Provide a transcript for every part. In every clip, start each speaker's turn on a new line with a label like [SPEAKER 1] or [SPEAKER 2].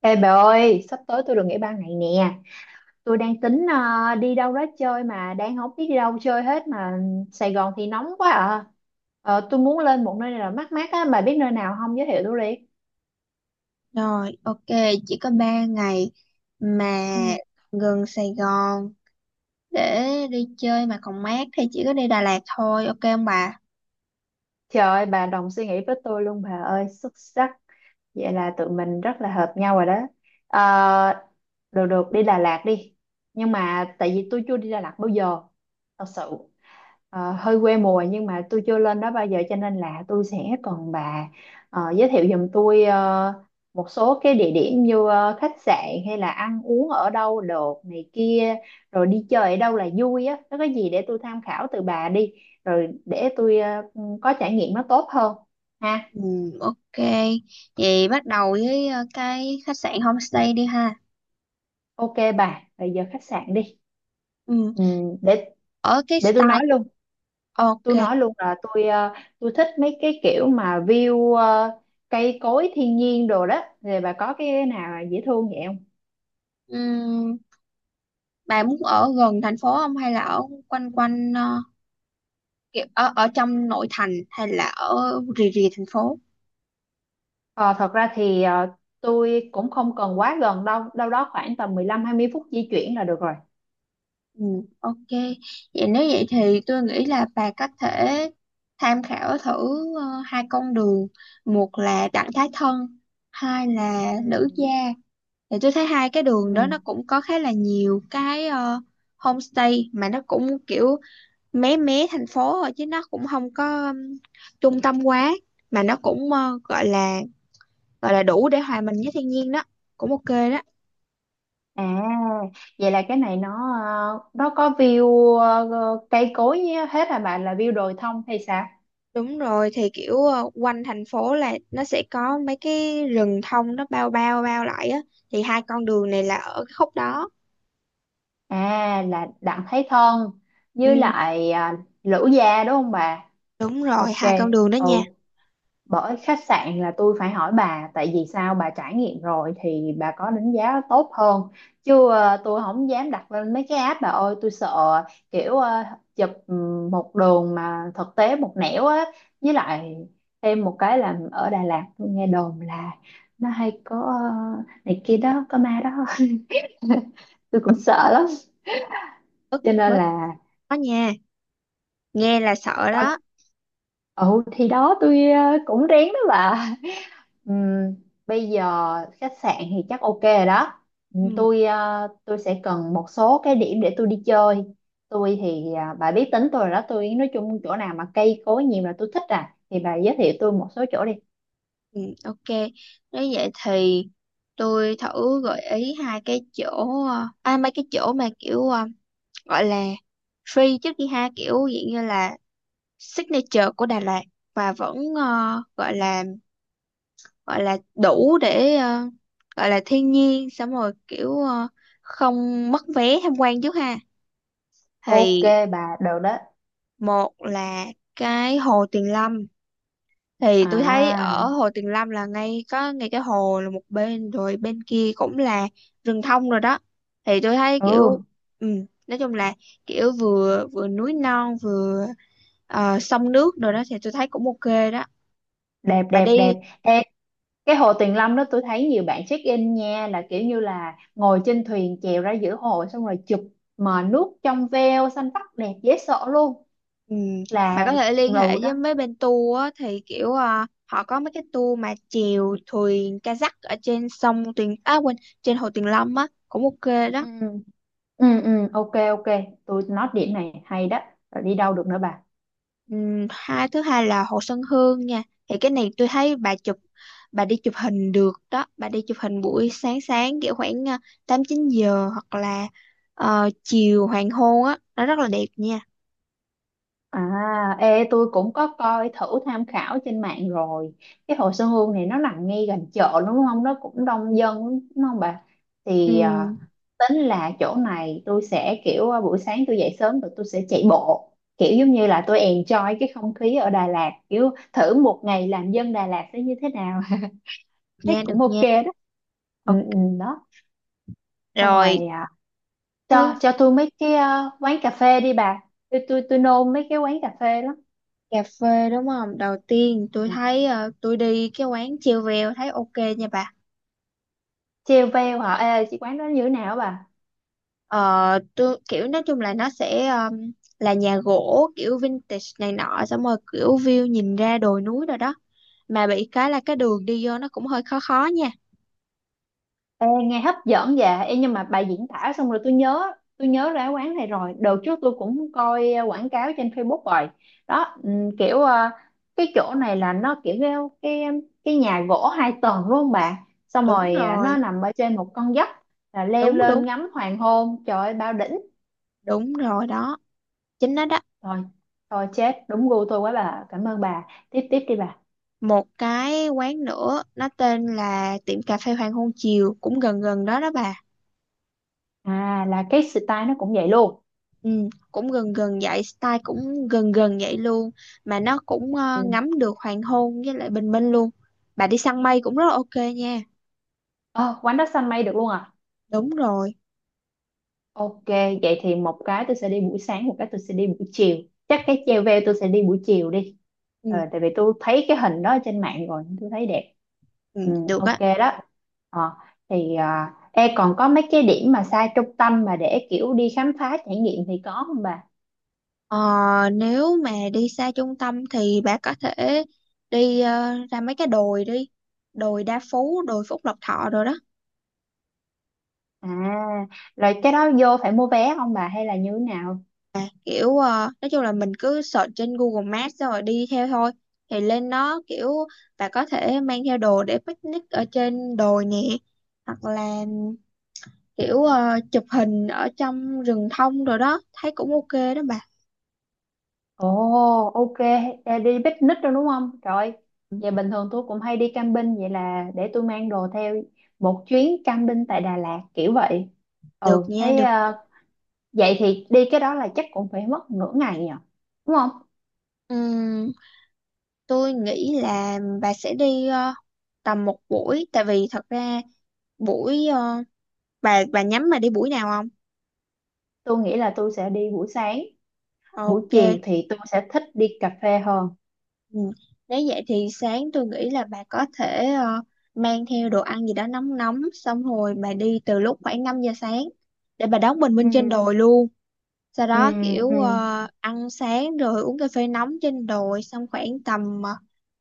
[SPEAKER 1] Ê bà ơi, sắp tới tôi được nghỉ ba ngày nè. Tôi đang tính đi đâu đó chơi mà đang không biết đi đâu chơi hết mà Sài Gòn thì nóng quá à. Tôi muốn lên một nơi nào mát mát á, bà biết nơi nào không giới thiệu tôi đi.
[SPEAKER 2] Rồi, ok, chỉ có 3 ngày mà
[SPEAKER 1] Ừ.
[SPEAKER 2] gần Sài Gòn để đi chơi mà còn mát thì chỉ có đi Đà Lạt thôi, ok không bà?
[SPEAKER 1] Trời ơi, bà đồng suy nghĩ với tôi luôn bà ơi, xuất sắc. Vậy là tụi mình rất là hợp nhau rồi đó. Ờ, Được được, đi Đà Lạt đi. Nhưng mà tại vì tôi chưa đi Đà Lạt bao giờ, thật sự. Hơi quê mùa nhưng mà tôi chưa lên đó bao giờ cho nên là tôi sẽ cần bà giới thiệu giùm tôi một số cái địa điểm như khách sạn hay là ăn uống ở đâu được này kia, rồi đi chơi ở đâu là vui á, nó có gì để tôi tham khảo từ bà đi, rồi để tôi có trải nghiệm nó tốt hơn ha.
[SPEAKER 2] Ừ, ok. Vậy bắt đầu với cái khách sạn homestay đi ha.
[SPEAKER 1] Ok bà, rồi giờ khách sạn đi.
[SPEAKER 2] Ừ,
[SPEAKER 1] Ừ, để
[SPEAKER 2] ở cái
[SPEAKER 1] để tôi nói
[SPEAKER 2] style
[SPEAKER 1] luôn. Tôi
[SPEAKER 2] ok.
[SPEAKER 1] nói luôn là tôi thích mấy cái kiểu mà view cây cối thiên nhiên đồ đó, thì bà có cái nào dễ thương vậy không?
[SPEAKER 2] Ừm, bà muốn ở gần thành phố không hay là ở quanh quanh kiểu ở ở trong nội thành hay là ở rìa rìa thành phố?
[SPEAKER 1] Ờ, Thật ra thì tôi cũng không cần quá gần, đâu đâu đó khoảng tầm 15 20 phút di chuyển là được rồi.
[SPEAKER 2] Ừ, ok. Vậy nếu vậy thì tôi nghĩ là bà có thể tham khảo thử hai con đường. Một là đặng thái thân, hai
[SPEAKER 1] Ừ.
[SPEAKER 2] là nữ gia. Thì tôi thấy hai cái
[SPEAKER 1] Ừ.
[SPEAKER 2] đường đó nó cũng có khá là nhiều cái homestay mà nó cũng kiểu mé mé thành phố thôi chứ nó cũng không có trung tâm quá mà nó cũng gọi là đủ để hòa mình với thiên nhiên đó. Cũng ok đó.
[SPEAKER 1] À, vậy là cái này nó, nó có view cây cối nhé. Hết hả bạn, là view đồi thông hay sao?
[SPEAKER 2] Đúng rồi thì kiểu quanh thành phố là nó sẽ có mấy cái rừng thông nó bao bao bao lại á thì hai con đường này là ở cái khúc đó.
[SPEAKER 1] À là Đặng Thái Thân với
[SPEAKER 2] Ừ,
[SPEAKER 1] lại Lữ Gia đúng không bà?
[SPEAKER 2] đúng rồi
[SPEAKER 1] Ok.
[SPEAKER 2] hai con đường đó nha.
[SPEAKER 1] Ừ, bởi khách sạn là tôi phải hỏi bà, tại vì sao bà trải nghiệm rồi thì bà có đánh giá tốt hơn, chứ tôi không dám đặt lên mấy cái app bà ơi, tôi sợ kiểu chụp một đường mà thực tế một nẻo á. Với lại thêm một cái là ở Đà Lạt tôi nghe đồn là nó hay có này kia đó, có ma đó tôi cũng sợ lắm,
[SPEAKER 2] Bớt
[SPEAKER 1] cho nên
[SPEAKER 2] bớt
[SPEAKER 1] là
[SPEAKER 2] đó nha, nghe là sợ đó.
[SPEAKER 1] tao. Ừ thì đó, tôi cũng rén đó bà. Ừm, Bây giờ khách sạn thì chắc ok rồi đó.
[SPEAKER 2] Ừ,
[SPEAKER 1] Tôi tôi sẽ cần một số cái điểm để tôi đi chơi. Tôi thì à, bà biết tính tôi rồi đó. Tôi nói chung chỗ nào mà cây cối nhiều là tôi thích à. Thì bà giới thiệu tôi một số chỗ đi.
[SPEAKER 2] ừ, ok. Nếu vậy thì tôi thử gợi ý hai cái chỗ mấy cái chỗ mà kiểu gọi là free trước đi ha, kiểu dạng như là signature của Đà Lạt và vẫn gọi là đủ để gọi là thiên nhiên, xong rồi kiểu không mất vé tham quan trước ha.
[SPEAKER 1] Ok
[SPEAKER 2] Thì
[SPEAKER 1] bà, được đó.
[SPEAKER 2] một là cái hồ Tuyền Lâm, thì tôi thấy
[SPEAKER 1] À,
[SPEAKER 2] ở hồ Tuyền Lâm là ngay có ngay cái hồ là một bên rồi bên kia cũng là rừng thông rồi đó, thì tôi thấy
[SPEAKER 1] ừ,
[SPEAKER 2] kiểu ừ, nói chung là kiểu vừa vừa núi non vừa sông nước rồi đó, thì tôi thấy cũng ok đó,
[SPEAKER 1] đẹp
[SPEAKER 2] bà
[SPEAKER 1] đẹp đẹp.
[SPEAKER 2] đi.
[SPEAKER 1] Ê, cái hồ Tuyền Lâm đó tôi thấy nhiều bạn check in nha, là kiểu như là ngồi trên thuyền chèo ra giữa hồ xong rồi chụp, mà nước trong veo xanh vắt đẹp dễ sợ luôn.
[SPEAKER 2] Ừ. Bạn
[SPEAKER 1] Là
[SPEAKER 2] có thể liên hệ
[SPEAKER 1] ngầu đó.
[SPEAKER 2] với mấy bên tour á, thì kiểu à, họ có mấy cái tour mà chèo thuyền kayak ở trên sông Tuyền à quên trên hồ Tuyền Lâm á cũng ok
[SPEAKER 1] Ừ.
[SPEAKER 2] đó.
[SPEAKER 1] Ừ, ừ, ok, ok, tôi nói điểm này hay đó. Rồi đi đâu được nữa bà?
[SPEAKER 2] Ừ. Hai, thứ hai là hồ Xuân Hương nha, thì cái này tôi thấy bà chụp, bà đi chụp hình được đó, bà đi chụp hình buổi sáng sáng kiểu khoảng à, tám chín giờ hoặc là chiều hoàng hôn á nó rất là đẹp nha.
[SPEAKER 1] À ê, tôi cũng có coi thử tham khảo trên mạng rồi, cái Hồ Xuân Hương này nó nằm ngay gần chợ đúng không, nó cũng đông dân lắm, đúng không bà?
[SPEAKER 2] Ừ.
[SPEAKER 1] Thì tính là chỗ này tôi sẽ kiểu buổi sáng tôi dậy sớm rồi tôi sẽ chạy bộ, kiểu giống như là tôi enjoy cái không khí ở Đà Lạt, kiểu thử một ngày làm dân Đà Lạt sẽ như thế nào thấy
[SPEAKER 2] Nha được
[SPEAKER 1] cũng ok
[SPEAKER 2] nha.
[SPEAKER 1] đó.
[SPEAKER 2] Ờ,
[SPEAKER 1] Ừ, ừ, đó. Xong
[SPEAKER 2] rồi
[SPEAKER 1] rồi cho
[SPEAKER 2] thứ
[SPEAKER 1] cho tôi mấy cái quán cà phê đi bà. Tôi nôn mấy cái quán cà phê lắm.
[SPEAKER 2] cà phê đúng không? Đầu tiên tôi
[SPEAKER 1] Ừ.
[SPEAKER 2] thấy tôi đi cái quán Chiêu Veo thấy ok nha bà.
[SPEAKER 1] Treo veo hả? Ê chị, quán đó như thế nào á bà?
[SPEAKER 2] Ờ, tôi kiểu nói chung là nó sẽ là nhà gỗ kiểu vintage này nọ xong rồi kiểu view nhìn ra đồi núi rồi đó. Mà bị cái là cái đường đi vô nó cũng hơi khó khó nha.
[SPEAKER 1] Ê, nghe hấp dẫn dạ. Ê nhưng mà bà diễn tả xong rồi tôi nhớ ra quán này rồi. Đợt trước tôi cũng coi quảng cáo trên Facebook rồi đó. Kiểu cái chỗ này là nó kiểu cái cái nhà gỗ hai tầng đúng không bà? Xong
[SPEAKER 2] Đúng
[SPEAKER 1] rồi nó
[SPEAKER 2] rồi,
[SPEAKER 1] nằm ở trên một con dốc, là leo
[SPEAKER 2] đúng đúng,
[SPEAKER 1] lên ngắm hoàng hôn trời ơi bao đỉnh.
[SPEAKER 2] đúng rồi đó. Chính nó đó.
[SPEAKER 1] Thôi, thôi chết, đúng gu tôi quá bà. Cảm ơn bà. Tiếp tiếp đi bà.
[SPEAKER 2] Một cái quán nữa nó tên là tiệm cà phê Hoàng Hôn Chiều cũng gần gần đó đó bà.
[SPEAKER 1] À là cái style nó cũng vậy luôn.
[SPEAKER 2] Ừ, cũng gần gần vậy, style cũng gần gần vậy luôn, mà nó cũng
[SPEAKER 1] Ừ.
[SPEAKER 2] ngắm được hoàng hôn với lại bình minh luôn. Bà đi săn mây cũng rất là ok nha.
[SPEAKER 1] Ờ, Quán đó xanh mây được luôn à?
[SPEAKER 2] Đúng rồi.
[SPEAKER 1] Ok, vậy thì một cái tôi sẽ đi buổi sáng, một cái tôi sẽ đi buổi chiều. Chắc cái treo veo tôi sẽ đi buổi chiều đi.
[SPEAKER 2] Ừ,
[SPEAKER 1] Tại vì tôi thấy cái hình đó ở trên mạng rồi, tôi thấy đẹp.
[SPEAKER 2] ừ,
[SPEAKER 1] Ừ,
[SPEAKER 2] được á.
[SPEAKER 1] ok đó. Ờ, thì e còn có mấy cái điểm mà xa trung tâm mà để kiểu đi khám phá trải nghiệm thì có không bà?
[SPEAKER 2] Ờ, nếu mà đi xa trung tâm thì bà có thể đi ra mấy cái đồi đi. Đồi Đa Phú, đồi Phúc Lộc Thọ rồi đó.
[SPEAKER 1] À, rồi cái đó vô phải mua vé không bà, hay là như thế nào?
[SPEAKER 2] Kiểu nói chung là mình cứ search trên Google Maps xong rồi đi theo thôi, thì lên nó kiểu bà có thể mang theo đồ để picnic ở trên đồi nè, hoặc là kiểu chụp hình ở trong rừng thông rồi đó thấy cũng ok đó bà.
[SPEAKER 1] Ồ, ok. Ê, đi picnic rồi đúng không? Trời, vậy bình thường tôi cũng hay đi camping, vậy là để tôi mang đồ theo một chuyến camping tại Đà Lạt kiểu vậy.
[SPEAKER 2] Được
[SPEAKER 1] Ừ,
[SPEAKER 2] nha
[SPEAKER 1] thấy
[SPEAKER 2] được.
[SPEAKER 1] vậy thì đi cái đó là chắc cũng phải mất nửa ngày nhỉ, đúng không?
[SPEAKER 2] Ừm, tôi nghĩ là bà sẽ đi tầm một buổi, tại vì thật ra buổi bà nhắm mà đi buổi nào không?
[SPEAKER 1] Tôi nghĩ là tôi sẽ đi buổi sáng, buổi
[SPEAKER 2] Ok.
[SPEAKER 1] chiều thì tôi sẽ thích đi cà phê hơn.
[SPEAKER 2] Ừ. Nếu vậy thì sáng tôi nghĩ là bà có thể mang theo đồ ăn gì đó nóng nóng xong rồi bà đi từ lúc khoảng 5 giờ sáng để bà đón bình
[SPEAKER 1] Ừ,
[SPEAKER 2] minh trên đồi luôn. Sau
[SPEAKER 1] ừ,
[SPEAKER 2] đó kiểu
[SPEAKER 1] ừ,
[SPEAKER 2] ăn sáng rồi uống cà phê nóng trên đồi xong khoảng tầm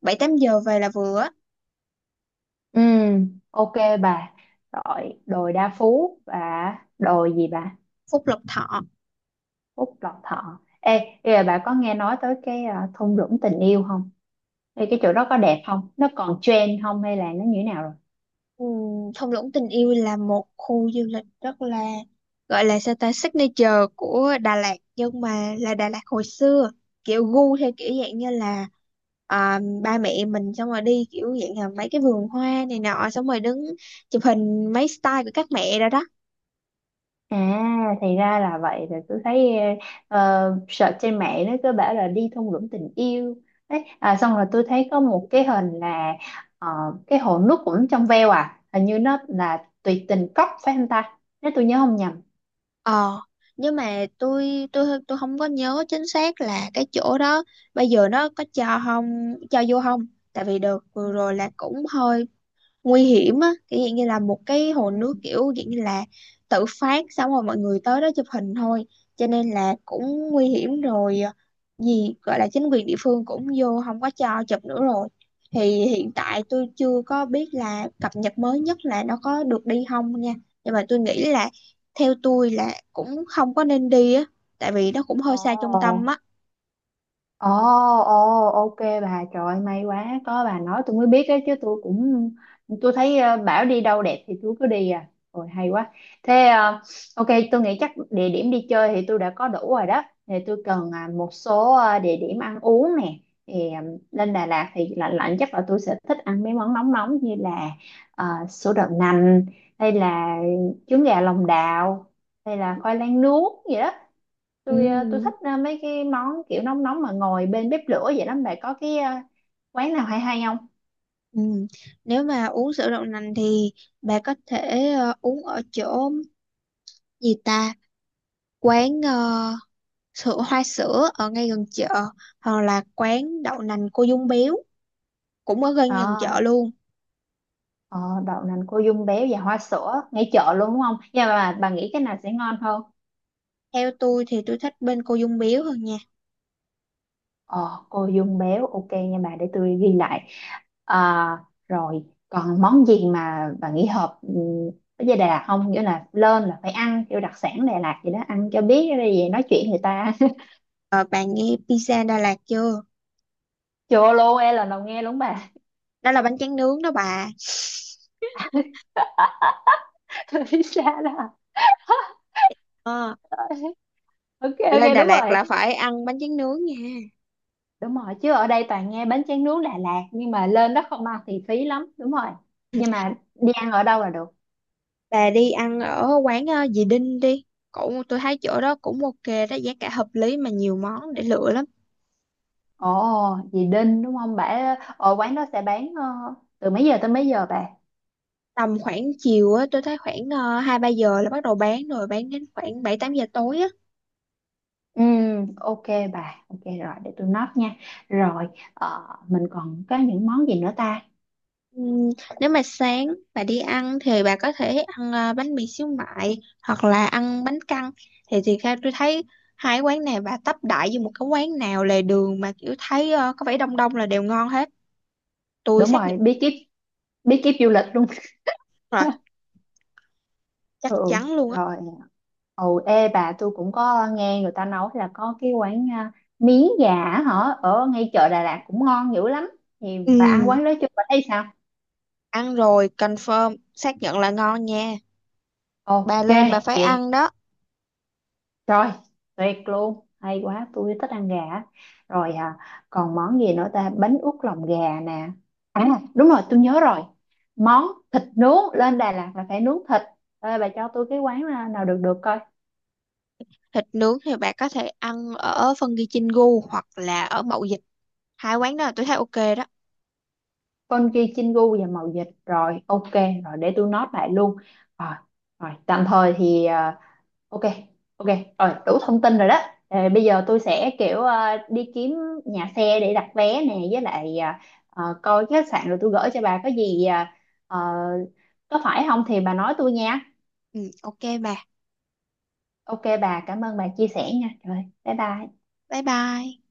[SPEAKER 2] 7-8 giờ về là vừa á.
[SPEAKER 1] ừ, ok bà. Rồi, đồi Đa Phú và đồi gì bà?
[SPEAKER 2] Phút lộc thọ.
[SPEAKER 1] Úc Lộc Thọ. Ê bây giờ bà có nghe nói tới cái thung lũng tình yêu không? Ê, cái chỗ đó có đẹp không, nó còn trend không hay là nó như thế nào rồi?
[SPEAKER 2] Thung lũng tình yêu là một khu du lịch rất là gọi là sao ta signature của Đà Lạt nhưng mà là Đà Lạt hồi xưa, kiểu gu theo kiểu dạng như là à, ba mẹ mình xong rồi đi kiểu dạng là mấy cái vườn hoa này nọ xong rồi đứng chụp hình mấy style của các mẹ rồi đó.
[SPEAKER 1] À, thì ra là vậy. Rồi tôi thấy search trên mạng nó cứ bảo là đi thung lũng tình yêu đấy à. Xong rồi tôi thấy có một cái hình là ờ, cái hồ nước cũng trong veo, à hình như nó là tuyệt tình cốc phải không ta, nếu tôi nhớ không nhầm.
[SPEAKER 2] Ờ, nhưng mà tôi không có nhớ chính xác là cái chỗ đó bây giờ nó có cho không, cho vô không, tại vì đợt
[SPEAKER 1] Ừ.
[SPEAKER 2] vừa rồi là cũng hơi nguy hiểm á, kiểu dạng như là một cái hồ
[SPEAKER 1] Ừ.
[SPEAKER 2] nước kiểu dạng như là tự phát xong rồi mọi người tới đó chụp hình thôi, cho nên là cũng nguy hiểm rồi gì gọi là chính quyền địa phương cũng vô không có cho chụp nữa rồi, thì hiện tại tôi chưa có biết là cập nhật mới nhất là nó có được đi không nha, nhưng mà tôi nghĩ là theo tôi là cũng không có nên đi á, tại vì nó cũng hơi xa trung
[SPEAKER 1] Ồ.
[SPEAKER 2] tâm á.
[SPEAKER 1] Ồ, ồ, ok bà. Trời ơi, may quá, có bà nói tôi mới biết, đấy chứ tôi cũng, tôi thấy bảo đi đâu đẹp thì tôi cứ đi à, rồi hay quá. Thế ok, tôi nghĩ chắc địa điểm đi chơi thì tôi đã có đủ rồi đó, thì tôi cần một số địa điểm ăn uống nè. Thì lên Đà Lạt thì lạnh lạnh chắc là tôi sẽ thích ăn mấy món nóng nóng như là sữa đậu nành, hay là trứng gà lòng đào, hay là khoai lang nướng vậy đó.
[SPEAKER 2] Ừ,
[SPEAKER 1] Tôi tôi thích mấy cái món kiểu nóng nóng mà ngồi bên bếp lửa vậy lắm, bà có cái quán nào hay hay không?
[SPEAKER 2] ừ. Nếu mà uống sữa đậu nành thì bà có thể uống ở chỗ gì ta, quán sữa hoa sữa ở ngay gần chợ, hoặc là quán đậu nành cô Dung Biếu cũng ở gần gần chợ
[SPEAKER 1] ờ
[SPEAKER 2] luôn.
[SPEAKER 1] ờ, Đậu nành cô dung béo và hoa sữa ngay chợ luôn đúng không, nhưng mà bà nghĩ cái nào sẽ ngon hơn?
[SPEAKER 2] Theo tôi thì tôi thích bên cô Dung Biếu hơn nha.
[SPEAKER 1] Ờ cô dung béo, ok nha bà, để tôi ghi lại. à, Rồi còn món gì mà bà nghĩ hợp với Đà Lạt không, nghĩa là lên là phải ăn kiểu đặc sản Đà Lạt gì đó, ăn cho biết cái gì nói chuyện người ta
[SPEAKER 2] Ờ, bạn nghe pizza Đà Lạt chưa?
[SPEAKER 1] chô lô e là đầu nghe luôn bà
[SPEAKER 2] Đó là bánh tráng nướng đó bà.
[SPEAKER 1] Tôi biết xa đó
[SPEAKER 2] Ờ,
[SPEAKER 1] ok
[SPEAKER 2] lên
[SPEAKER 1] ok,
[SPEAKER 2] Đà
[SPEAKER 1] đúng
[SPEAKER 2] Lạt
[SPEAKER 1] rồi.
[SPEAKER 2] là phải ăn bánh tráng nướng nha.
[SPEAKER 1] Đúng rồi, chứ ở đây toàn nghe bánh tráng nướng Đà Lạt nhưng mà lên đó không ăn thì phí lắm, đúng rồi. Nhưng mà đi ăn ở đâu là được?
[SPEAKER 2] Bà đi ăn ở quán dì Đinh đi, cũng tôi thấy chỗ đó cũng ok đó, giá cả hợp lý mà nhiều món để lựa lắm.
[SPEAKER 1] Ồ, dì Đinh đúng không bà? Ở quán đó sẽ bán từ mấy giờ tới mấy giờ bà?
[SPEAKER 2] Tầm khoảng chiều á tôi thấy khoảng hai ba giờ là bắt đầu bán rồi bán đến khoảng bảy tám giờ tối á.
[SPEAKER 1] Ừ, ok bà, ok rồi để tôi note nha. Rồi mình còn có những món gì nữa ta?
[SPEAKER 2] Ừm, nếu mà sáng bà đi ăn thì bà có thể ăn bánh mì xíu mại hoặc là ăn bánh căn, thì theo tôi thấy hai quán này bà tấp đại vô một cái quán nào lề đường mà kiểu thấy có vẻ đông đông là đều ngon hết, tôi
[SPEAKER 1] Đúng
[SPEAKER 2] xác nhận.
[SPEAKER 1] rồi, bí kíp, bí kíp du lịch luôn
[SPEAKER 2] Rồi, chắc
[SPEAKER 1] ừ.
[SPEAKER 2] chắn luôn á.
[SPEAKER 1] Rồi. Ồ, ê bà, tôi cũng có nghe người ta nói là có cái quán miến gà á hả ở ngay chợ Đà Lạt cũng ngon dữ lắm. Thì bà ăn
[SPEAKER 2] Ừm,
[SPEAKER 1] quán đó chưa, bà thấy sao?
[SPEAKER 2] ăn rồi confirm xác nhận là ngon nha, bà
[SPEAKER 1] Ok
[SPEAKER 2] lên bà phải
[SPEAKER 1] vậy.
[SPEAKER 2] ăn đó.
[SPEAKER 1] Rồi tuyệt luôn, hay quá, tôi thích ăn gà á. Rồi còn món gì nữa ta? Bánh út lòng gà nè. À, đúng rồi tôi nhớ rồi. Món thịt nướng, lên Đà Lạt là phải nướng thịt. Ê, bà cho tôi cái quán nào được được coi.
[SPEAKER 2] Thịt nướng thì bạn có thể ăn ở phân ghi Chin gu hoặc là ở Mậu Dịch, hai quán đó là tôi thấy ok đó.
[SPEAKER 1] Con ghi Chingu và mậu dịch. Rồi ok, rồi để tôi note lại luôn. Rồi, rồi tạm thời thì ok, ok rồi đủ thông tin rồi đó. Bây giờ tôi sẽ kiểu đi kiếm nhà xe để đặt vé nè, với lại coi cái khách sạn rồi tôi gửi cho bà, có gì ờ, có phải không thì bà nói tôi nha.
[SPEAKER 2] Ừ, ok bà,
[SPEAKER 1] Ok bà, cảm ơn bà chia sẻ nha. Rồi bye bye.
[SPEAKER 2] bye bye.